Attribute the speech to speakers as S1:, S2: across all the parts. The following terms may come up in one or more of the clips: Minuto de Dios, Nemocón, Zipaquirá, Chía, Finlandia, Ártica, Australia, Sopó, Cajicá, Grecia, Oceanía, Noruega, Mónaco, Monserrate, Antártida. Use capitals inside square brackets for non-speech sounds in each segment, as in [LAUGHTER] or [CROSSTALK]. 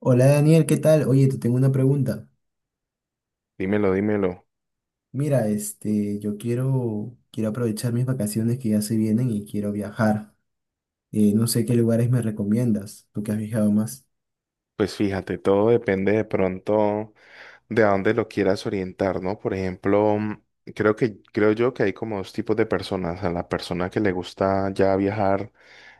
S1: Hola Daniel, ¿qué tal? Oye, te tengo una pregunta.
S2: Dímelo, dímelo.
S1: Mira, este, yo quiero aprovechar mis vacaciones que ya se vienen y quiero viajar. No sé qué lugares me recomiendas, tú que has viajado más.
S2: Pues fíjate, todo depende de pronto de a dónde lo quieras orientar, ¿no? Por ejemplo, creo que, creo yo que hay como dos tipos de personas. A la persona que le gusta ya viajar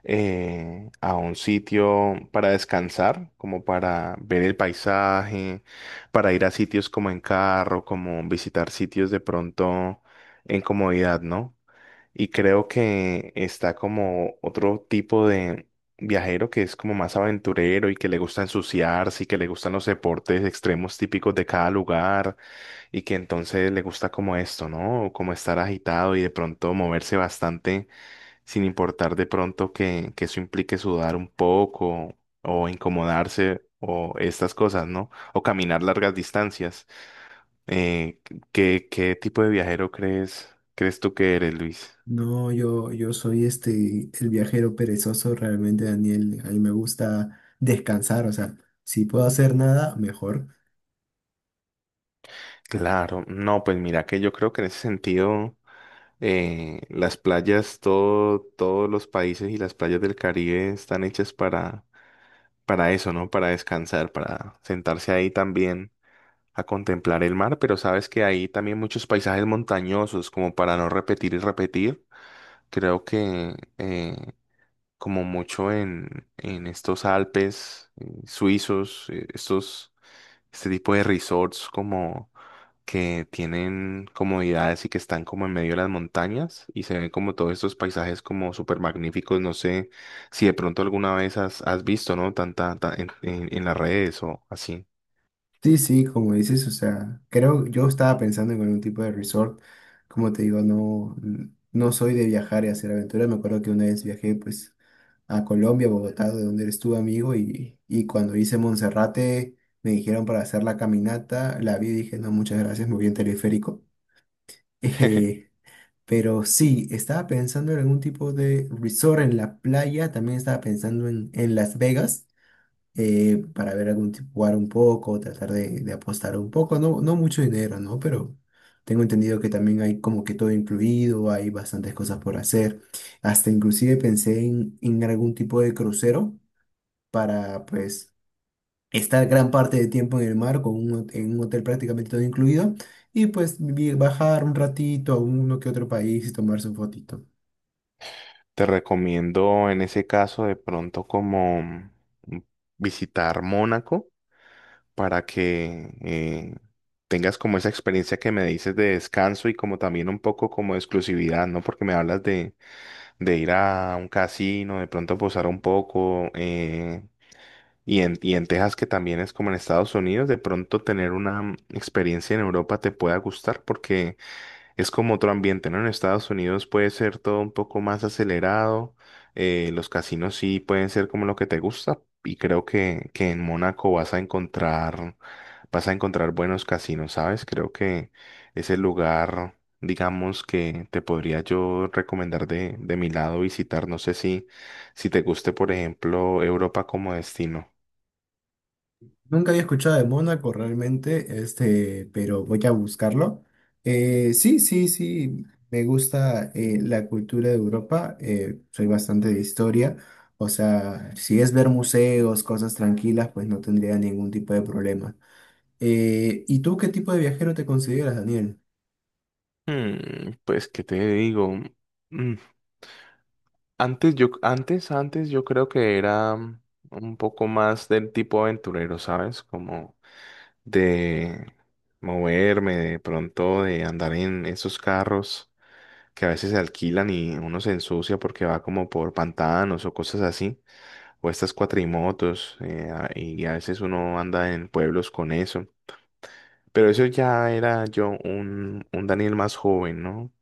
S2: a un sitio para descansar, como para ver el paisaje, para ir a sitios como en carro, como visitar sitios de pronto en comodidad, ¿no? Y creo que está como otro tipo de viajero que es como más aventurero y que le gusta ensuciarse y que le gustan los deportes extremos típicos de cada lugar y que entonces le gusta como esto, ¿no? Como estar agitado y de pronto moverse bastante sin importar de pronto que eso implique sudar un poco o incomodarse o estas cosas, ¿no? O caminar largas distancias. Eh, ¿qué tipo de viajero crees tú que eres, Luis?
S1: No, yo soy este, el viajero perezoso realmente, Daniel. A mí me gusta descansar, o sea, si puedo hacer nada, mejor.
S2: Claro, no, pues mira que yo creo que en ese sentido las playas, todo, todos los países y las playas del Caribe están hechas para eso, ¿no? Para descansar, para sentarse ahí también a contemplar el mar, pero sabes que hay también muchos paisajes montañosos como para no repetir y repetir. Creo que como mucho en estos Alpes suizos, este tipo de resorts como que tienen comodidades y que están como en medio de las montañas y se ven como todos estos paisajes como súper magníficos. No sé si de pronto alguna vez has visto, ¿no? En las redes o así.
S1: Sí, sí, como dices, o sea, creo, yo estaba pensando en algún tipo de resort. Como te digo, no soy de viajar y hacer aventuras. Me acuerdo que una vez viajé, pues a Colombia, Bogotá, de donde eres tú, amigo, y cuando hice Monserrate, me dijeron para hacer la caminata, la vi y dije, no, muchas gracias, me voy en teleférico. [LAUGHS]
S2: [LAUGHS]
S1: Eh, pero sí, estaba pensando en algún tipo de resort en la playa, también estaba pensando en Las Vegas, para ver algún tipo, jugar un poco, tratar de apostar un poco, no, no mucho dinero, ¿no? Pero tengo entendido que también hay como que todo incluido, hay bastantes cosas por hacer. Hasta inclusive pensé en algún tipo de crucero para pues estar gran parte del tiempo en el mar con en un hotel prácticamente todo incluido y pues bajar un ratito a uno que otro país y tomarse un fotito.
S2: Te recomiendo en ese caso de pronto como visitar Mónaco para que tengas como esa experiencia que me dices de descanso y como también un poco como de exclusividad, ¿no? Porque me hablas de ir a un casino, de pronto posar un poco, y en Texas, que también es como en Estados Unidos, de pronto tener una experiencia en Europa te pueda gustar porque es como otro ambiente, ¿no? En Estados Unidos puede ser todo un poco más acelerado, los casinos sí pueden ser como lo que te gusta y creo que en Mónaco vas a encontrar buenos casinos, ¿sabes? Creo que es el lugar, digamos, que te podría yo recomendar de mi lado visitar. No sé si, si te guste, por ejemplo, Europa como destino.
S1: Nunca había escuchado de Mónaco realmente, este, pero voy a buscarlo. Sí, sí, sí, me gusta la cultura de Europa, soy bastante de historia. O sea, si es ver museos, cosas tranquilas, pues no tendría ningún tipo de problema. ¿Y tú qué tipo de viajero te consideras, Daniel?
S2: Hmm, pues, ¿qué te digo? Mm, Antes yo creo que era un poco más del tipo aventurero, ¿sabes? Como de moverme, de pronto de andar en esos carros que a veces se alquilan y uno se ensucia porque va como por pantanos o cosas así, o estas cuatrimotos, y a veces uno anda en pueblos con eso. Pero eso ya era yo un Daniel más joven, ¿no?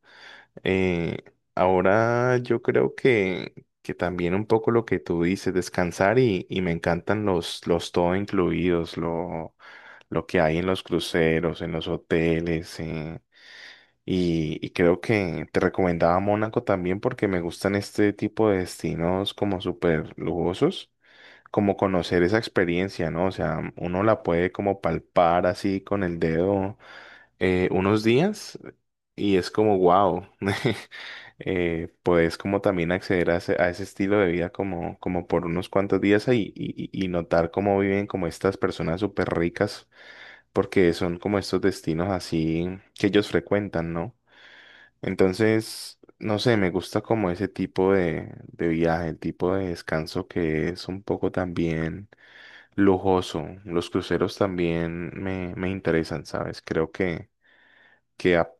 S2: Eh, ahora yo creo que también un poco lo que tú dices, descansar y me encantan los todo incluidos, lo que hay en los cruceros, en los hoteles. Y creo que te recomendaba Mónaco también porque me gustan este tipo de destinos como súper lujosos, como conocer esa experiencia, ¿no? O sea, uno la puede como palpar así con el dedo unos días y es como wow. [LAUGHS] Puedes como también acceder a a ese estilo de vida como, como por unos cuantos días ahí y notar cómo viven como estas personas súper ricas, porque son como estos destinos así que ellos frecuentan, ¿no? Entonces, no sé, me gusta como ese tipo de viaje, el tipo de descanso que es un poco también lujoso. Los cruceros también me interesan, ¿sabes? Creo que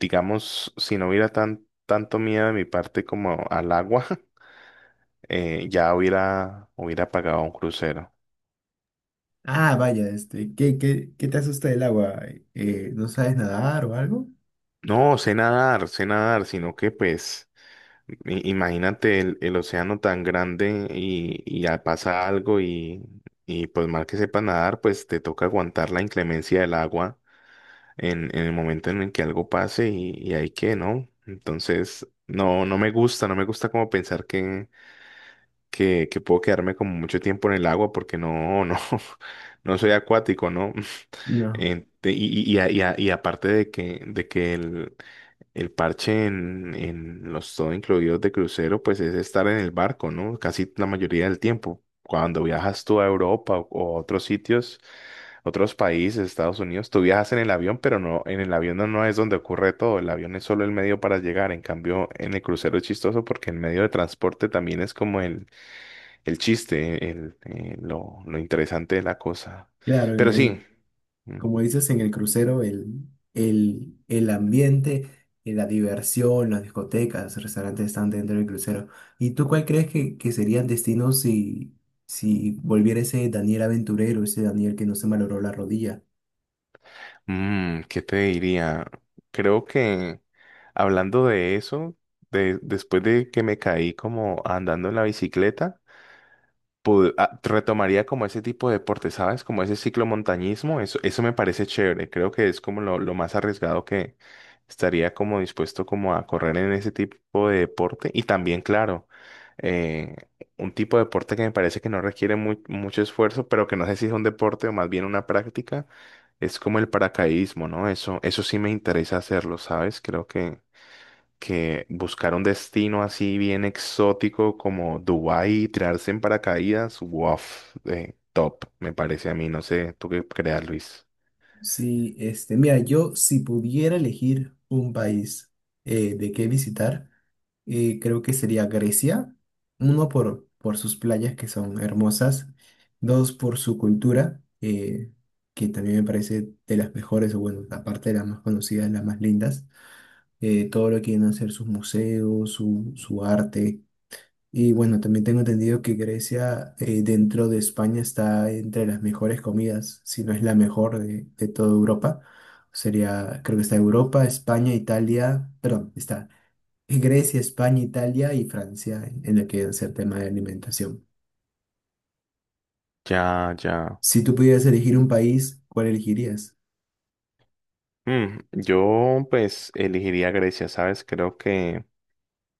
S2: digamos, si no hubiera tanto miedo de mi parte como al agua, [LAUGHS] ya hubiera pagado un crucero.
S1: Ah, vaya, este, ¿qué te asusta del agua? ¿No sabes nadar o algo?
S2: No, sé nadar, sino que pues, imagínate el océano tan grande y ya pasa algo y pues mal que sepa nadar, pues te toca aguantar la inclemencia del agua en el momento en el que algo pase y hay que, ¿no? Entonces, no, no me gusta, no me gusta como pensar que, que puedo quedarme como mucho tiempo en el agua porque no, no, [LAUGHS] no soy acuático, ¿no?
S1: No.
S2: En- te- y, y aparte de que el parche en los todo incluidos de crucero, pues es estar en el barco, ¿no? Casi la mayoría del tiempo. Cuando viajas tú a Europa o a otros sitios, otros países, Estados Unidos, tú viajas en el avión, pero no, en el avión no, no es donde ocurre todo. El avión es solo el medio para llegar. En cambio, en el crucero es chistoso porque el medio de transporte también es como el chiste, lo interesante de la cosa.
S1: Claro,
S2: Pero sí.
S1: como dices en el crucero, el ambiente, la diversión, las discotecas, restaurantes están dentro del crucero. ¿Y tú cuál crees que serían destinos si volviera ese Daniel aventurero, ese Daniel que no se malogró la rodilla?
S2: Mm, ¿qué te diría? Creo que hablando de eso, de, después de que me caí como andando en la bicicleta, retomaría como ese tipo de deporte, ¿sabes? Como ese ciclomontañismo, eso me parece chévere, creo que es como lo más arriesgado que estaría como dispuesto como a correr en ese tipo de deporte y también, claro, eh, un tipo de deporte que me parece que no requiere mucho esfuerzo, pero que no sé si es un deporte o más bien una práctica, es como el paracaidismo, ¿no? Eso sí me interesa hacerlo, ¿sabes? Creo que buscar un destino así bien exótico como Dubái y tirarse en paracaídas, wow, top, me parece a mí, no sé, ¿tú qué creas, Luis?
S1: Sí, este, mira, yo si pudiera elegir un país de qué visitar, creo que sería Grecia. Uno por sus playas que son hermosas, dos por su cultura, que también me parece de las mejores, o bueno, aparte de las más conocidas, las más lindas. Todo lo que vienen a ser sus museos, su arte. Y bueno, también tengo entendido que Grecia, dentro de España, está entre las mejores comidas, si no es la mejor de toda Europa. Sería, creo que está Europa, España, Italia, perdón, está Grecia, España, Italia y Francia en lo que es el tema de alimentación.
S2: Ya, ya.
S1: Si tú pudieras elegir un país, ¿cuál elegirías?
S2: Mm, yo pues elegiría Grecia, ¿sabes? Creo que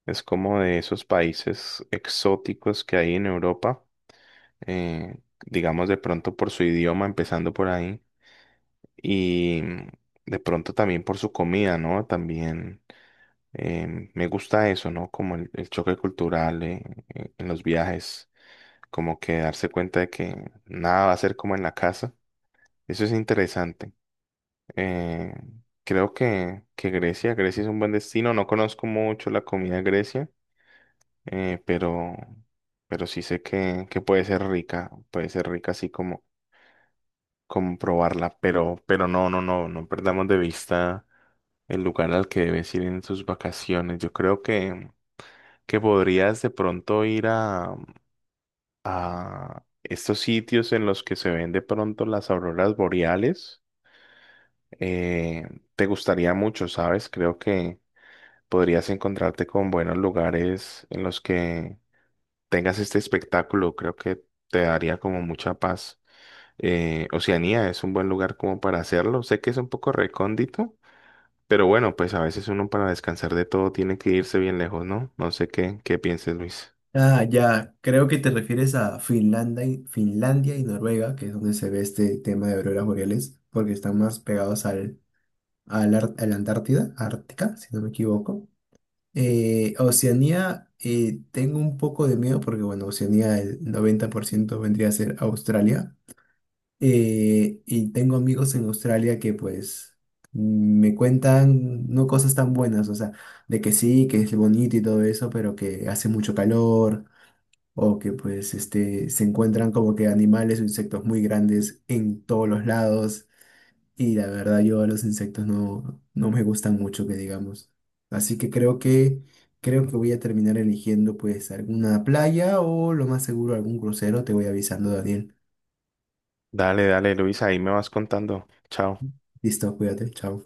S2: es como de esos países exóticos que hay en Europa, eh, digamos de pronto por su idioma, empezando por ahí, y de pronto también por su comida, ¿no? También. Me gusta eso, ¿no? Como el choque cultural en los viajes, como que darse cuenta de que nada va a ser como en la casa. Eso es interesante. Eh, creo que Grecia es un buen destino. No conozco mucho la comida de Grecia, eh, pero, pero sí sé que puede ser rica así como, como probarla, pero no, no, no, no perdamos de vista el lugar al que debes ir en tus vacaciones. Yo creo que podrías de pronto ir a estos sitios en los que se ven de pronto las auroras boreales. Eh, te gustaría mucho, ¿sabes? Creo que podrías encontrarte con buenos lugares en los que tengas este espectáculo. Creo que te daría como mucha paz. Oceanía es un buen lugar como para hacerlo. Sé que es un poco recóndito, pero bueno, pues a veces uno para descansar de todo tiene que irse bien lejos, ¿no? No sé qué pienses, Luis.
S1: Ah, ya, creo que te refieres a Finlandia Finlandia y Noruega, que es donde se ve este tema de auroras boreales, porque están más pegados al a la, a la Antártida, Ártica, si no me equivoco. Oceanía, tengo un poco de miedo porque, bueno, Oceanía el 90% vendría a ser Australia. Y tengo amigos en Australia que, pues, me cuentan no cosas tan buenas, o sea, de que sí, que es bonito y todo eso, pero que hace mucho calor. O que pues este, se encuentran como que animales o insectos muy grandes en todos los lados. Y la verdad, yo los insectos no, no me gustan mucho, que digamos. Así que creo que creo que voy a terminar eligiendo pues alguna playa o lo más seguro algún crucero. Te voy avisando, Daniel.
S2: Dale, dale, Luis, ahí me vas contando. Chao.
S1: Listo, cuídate, chao.